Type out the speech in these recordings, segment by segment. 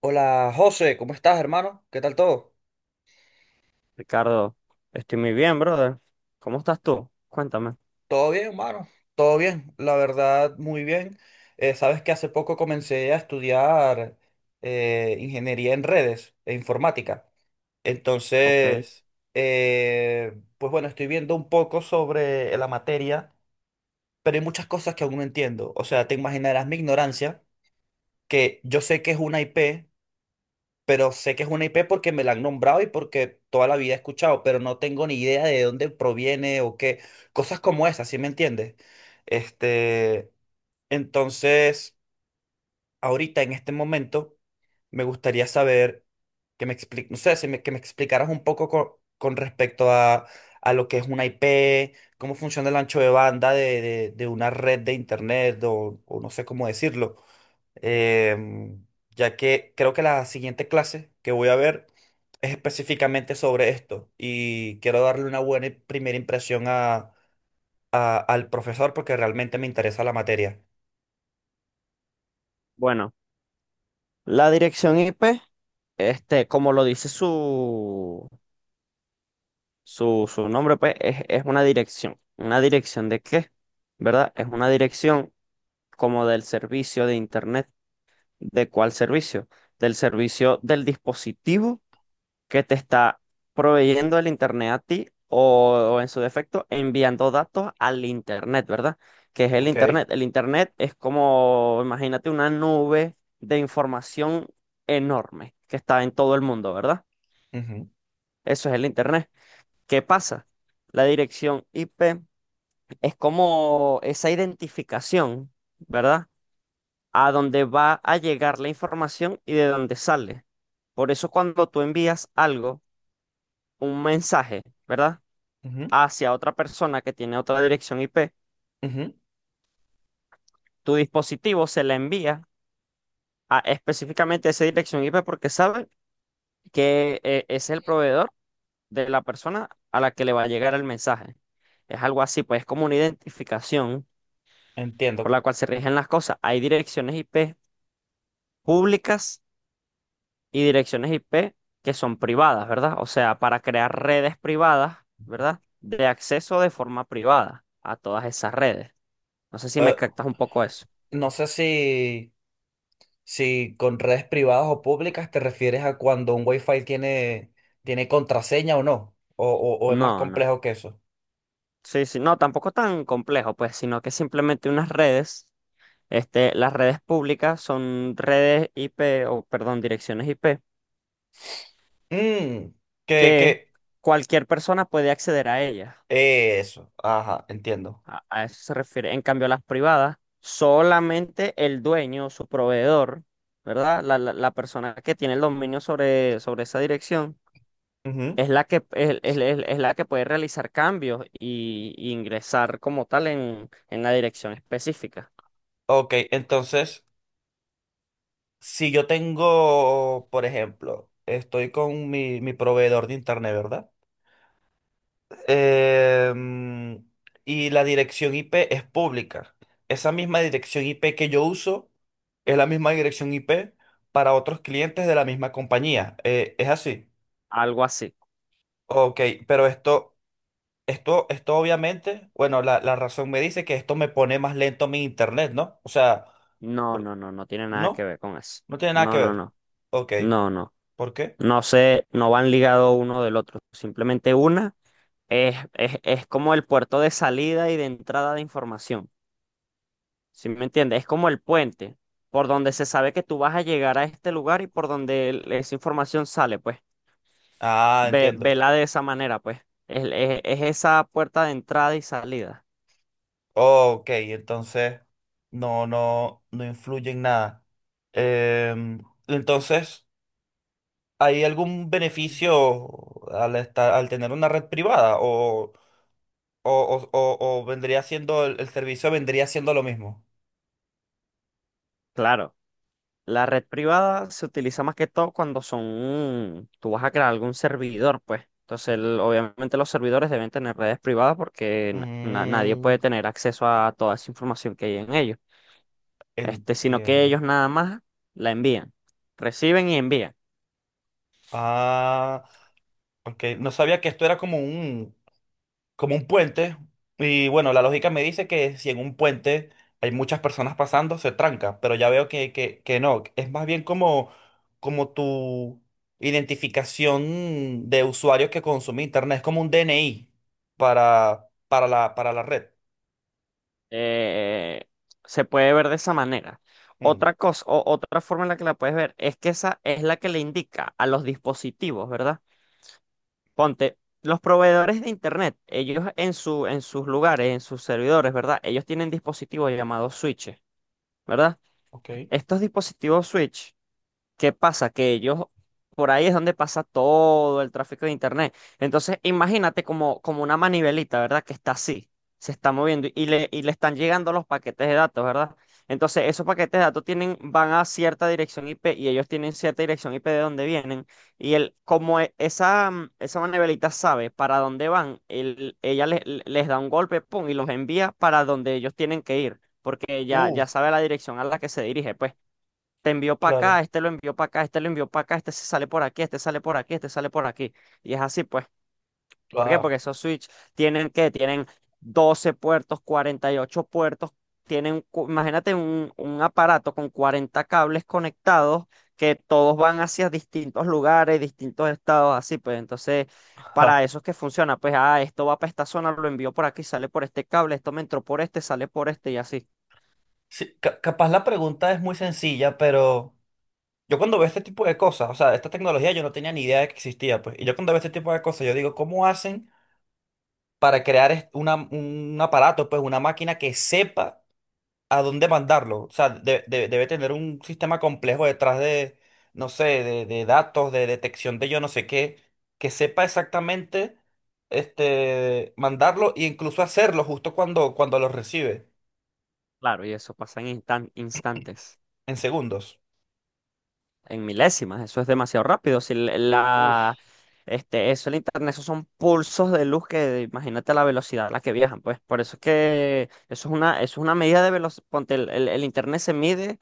Hola José, ¿cómo estás, hermano? ¿Qué tal todo? Ricardo, estoy muy bien, brother. ¿Cómo estás tú? Cuéntame. Todo bien, hermano. Todo bien, la verdad, muy bien. Sabes que hace poco comencé a estudiar ingeniería en redes e informática. Ok. Entonces, pues bueno, estoy viendo un poco sobre la materia, pero hay muchas cosas que aún no entiendo. O sea, te imaginarás mi ignorancia, que yo sé que es una IP, pero sé que es una IP porque me la han nombrado y porque toda la vida he escuchado, pero no tengo ni idea de dónde proviene o qué. Cosas como esas, ¿sí me entiendes? Este, entonces ahorita en este momento me gustaría saber que me expliques, no sé, si me- que me explicaras un poco con respecto a lo que es una IP, cómo funciona el ancho de banda de una red de internet o no sé cómo decirlo. Em, ya que creo que la siguiente clase que voy a ver es específicamente sobre esto y quiero darle una buena primera impresión al profesor porque realmente me interesa la materia. Bueno, la dirección IP, como lo dice su nombre, pues, es una dirección. ¿Una dirección de qué? ¿Verdad? Es una dirección como del servicio de Internet. ¿De cuál servicio? Del servicio del dispositivo que te está proveyendo el Internet a ti o en su defecto enviando datos al Internet, ¿verdad? ¿Que es el Ok. Internet? El Internet es como, imagínate, una nube de información enorme que está en todo el mundo, ¿verdad? Ujú, Eso es el Internet. ¿Qué pasa? La dirección IP es como esa identificación, ¿verdad? A dónde va a llegar la información y de dónde sale. Por eso cuando tú envías algo, un mensaje, ¿verdad?, ujú, hacia otra persona que tiene otra dirección IP, ujú. tu dispositivo se la envía a específicamente esa dirección IP porque sabe que es el proveedor de la persona a la que le va a llegar el mensaje. Es algo así, pues es como una identificación por Entiendo. la cual se rigen las cosas. Hay direcciones IP públicas y direcciones IP que son privadas, ¿verdad? O sea, para crear redes privadas, ¿verdad? De acceso de forma privada a todas esas redes. No sé si me Eh, captas un poco eso. no sé si, si con redes privadas o públicas te refieres a cuando un Wi-Fi tiene, tiene contraseña o no, o es más No, no. complejo que eso. Sí, sí, no, tampoco tan complejo, pues, sino que simplemente unas redes, las redes públicas son redes IP, o perdón, direcciones IP, Mm, que, que que, cualquier persona puede acceder a ellas. eso, ajá, entiendo. A eso se refiere. En cambio, las privadas, solamente el dueño, su proveedor, ¿verdad? La persona que tiene el dominio sobre esa dirección, Ujú. Es la que puede realizar cambios y ingresar como tal en la dirección específica. Ok, entonces, si yo tengo, por ejemplo, estoy con mi proveedor de internet, ¿verdad? Em, y la dirección IP es pública. Esa misma dirección IP que yo uso es la misma dirección IP para otros clientes de la misma compañía. Es así. Algo así. Ok, pero esto, esto obviamente, bueno, la razón me dice que esto me pone más lento mi internet, ¿no? O sea, No, por- no, no, no tiene nada que no, ver con eso. no tiene nada que No, no, ver. no, Ok, no, no. ¿por qué? No sé, no van ligados uno del otro. Simplemente una es como el puerto de salida y de entrada de información. ¿Sí me entiendes? Es como el puente por donde se sabe que tú vas a llegar a este lugar y por donde esa información sale, pues. Ah, entiendo. Vela de esa manera, pues. Es esa puerta de entrada y salida. Oh, ok, entonces no, no, no influye en nada. Em, entonces, ¿hay algún beneficio al tener una red privada? ¿O, o vendría siendo el servicio vendría siendo lo mismo? Claro. La red privada se utiliza más que todo cuando son, tú vas a crear algún servidor, pues. Entonces, obviamente los servidores deben tener redes privadas porque nadie Mm, puede tener acceso a toda esa información que hay en ellos. Este, sino que entiendo. ellos nada más la envían, reciben y envían. Ah, ok. No sabía que esto era como un puente. Y bueno, la lógica me dice que si en un puente hay muchas personas pasando, se tranca, pero ya veo que, que no. Es más bien como, como tu identificación de usuario que consume internet. Es como un DNI para, para la red. Eh, se puede ver de esa manera. Mm, Otra cosa, o otra forma en la que la puedes ver es que esa es la que le indica a los dispositivos, ¿verdad? Ponte, los proveedores de internet, ellos en su, en sus lugares, en sus servidores, ¿verdad? Ellos tienen dispositivos llamados switches, ¿verdad? ok. Estos dispositivos switch. ¿Qué pasa? Que ellos, por ahí es donde pasa todo el tráfico de Internet. Entonces, imagínate como, como una manivelita, ¿verdad? Que está así, se está moviendo y le están llegando los paquetes de datos, ¿verdad? Entonces, esos paquetes de datos tienen, van a cierta dirección IP y ellos tienen cierta dirección IP de donde vienen. Y el como esa, esa manivelita sabe para dónde van, ella les da un golpe, pum, y los envía para donde ellos tienen que ir, porque Uh, ya sabe la dirección a la que se dirige, pues te envió para acá, claro. este lo envió para acá, este lo envió para acá, este se sale por aquí, este sale por aquí, este sale por aquí. Y es así, pues. ¿Por qué? Ah, Porque esos switch tienen 12 puertos, 48 puertos, tienen, imagínate un aparato con 40 cables conectados que todos van hacia distintos lugares, distintos estados, así, pues. Entonces, para ja. eso es que funciona, pues, ah, esto va para esta zona, lo envío por aquí, sale por este cable, esto me entró por este, sale por este y así. Sí, capaz la pregunta es muy sencilla, pero yo cuando veo este tipo de cosas, o sea, esta tecnología yo no tenía ni idea de que existía, pues. Y yo cuando veo este tipo de cosas, yo digo, ¿cómo hacen para crear un aparato, pues una máquina que sepa a dónde mandarlo? O sea, debe tener un sistema complejo detrás de, no sé, de datos, de detección de yo no sé qué, que sepa exactamente mandarlo e incluso hacerlo justo cuando, cuando lo recibe, Claro, y eso pasa en instantes. en segundos. En milésimas, eso es demasiado rápido. Si l- la, Uf, este, eso, el internet, esos son pulsos de luz que imagínate la velocidad a la que viajan, pues. Por eso es que eso es una medida de velocidad. Ponte, el internet se mide,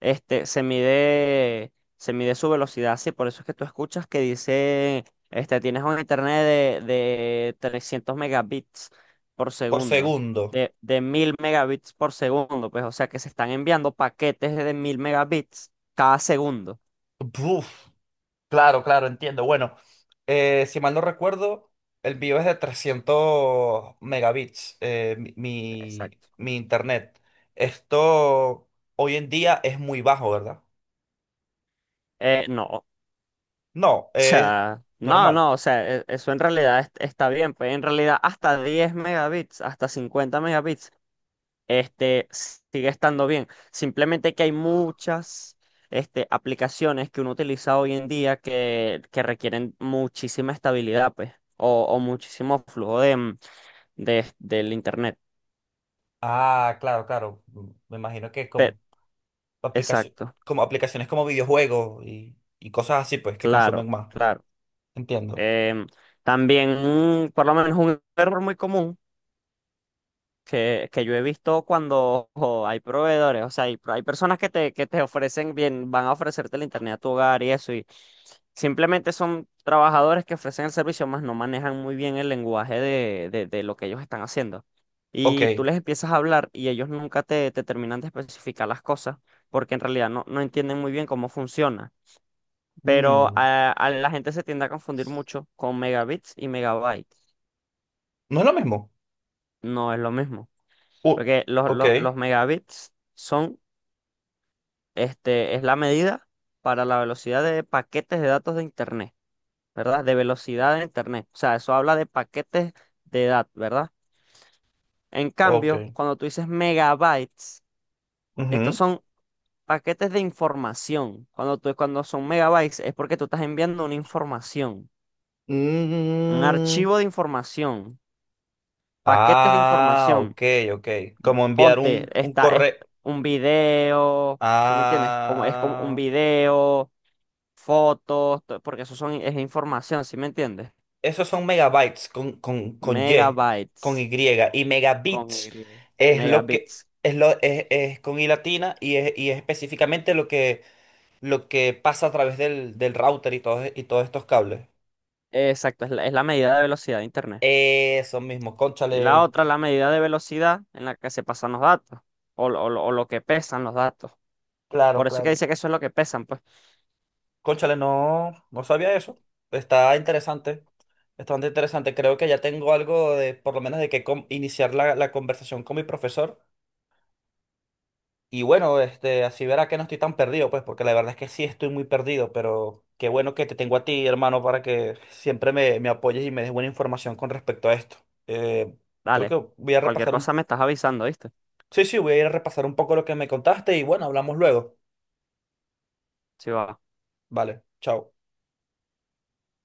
se mide su velocidad, sí. Por eso es que tú escuchas que dice, tienes un internet de 300 megabits por por segundo. segundo. De 1000 megabits por segundo, pues, o sea que se están enviando paquetes de 1000 megabits cada segundo. Buf. Claro, claro, entiendo. Bueno, si mal no recuerdo, el mío es de 300 megabits, Exacto. mi internet. Esto hoy en día es muy bajo, ¿verdad? No, o No, es sea, no, normal. no, o sea, e- eso en realidad está bien, pues en realidad hasta 10 megabits, hasta 50 megabits, sigue estando bien. Simplemente que hay muchas, aplicaciones que uno utiliza hoy en día que requieren muchísima estabilidad, pues, o muchísimo flujo del internet. Ah, claro, claro. Mm, me imagino que Pe- con aplicaci- exacto, como aplicaciones como videojuegos y cosas así, pues, que claro, consumen más. claro. Entiendo. Em, también, por lo menos un error muy común que yo he visto cuando ojo, hay proveedores, o sea, hay personas que te ofrecen bien, van a ofrecerte el internet a tu hogar y eso, y simplemente son trabajadores que ofrecen el servicio, más no manejan muy bien el lenguaje de lo que ellos están haciendo. Y tú Ok. les empiezas a hablar y ellos nunca te terminan de especificar las cosas, porque en realidad no, no entienden muy bien cómo funciona. Pero Mm, a la gente se tiende a confundir mucho con megabits y megabytes. no es lo mismo. No es lo mismo, Uh, porque ok, los megabits son. Este es la medida para la velocidad de paquetes de datos de Internet, ¿verdad? De velocidad de Internet. O sea, eso habla de paquetes de datos, ¿verdad? En ok. cambio, cuando tú dices megabytes, estos Ujú. son paquetes de información. Cuando son megabytes es porque tú estás enviando una información, un Mm, archivo de información, paquetes de ah, información. ok, ok. Como enviar Ponte, un esta es correo. un video, ¿sí me entiendes? Como, es como un Ah, video, fotos, porque eso son, es información, ¿sí me entiendes? esos son megabytes con Y. Megabytes Y con megabits Y, es lo que megabits. es lo es con I latina y es específicamente lo que pasa a través del router y todos estos cables. Exacto, es la medida de velocidad de Internet. Eso mismo, Y la cónchale. otra, la medida de velocidad en la que se pasan los datos, o lo que pesan los datos. Claro, Por eso es que claro. dice que eso es lo que pesan, pues. Cónchale, no, no sabía eso. Está interesante. Está bastante interesante. Creo que ya tengo algo de, por lo menos, de que iniciar la conversación con mi profesor. Y bueno, este, así verá que no estoy tan perdido, pues, porque la verdad es que sí estoy muy perdido, pero qué bueno que te tengo a ti, hermano, para que siempre me, me apoyes y me des buena información con respecto a esto. Eh, creo Dale, que voy a cualquier repasar cosa un... me estás avisando, ¿viste? Sí, sí, voy a ir a repasar un poco lo que me contaste y bueno, hablamos luego. Sí, va. Vale, chao.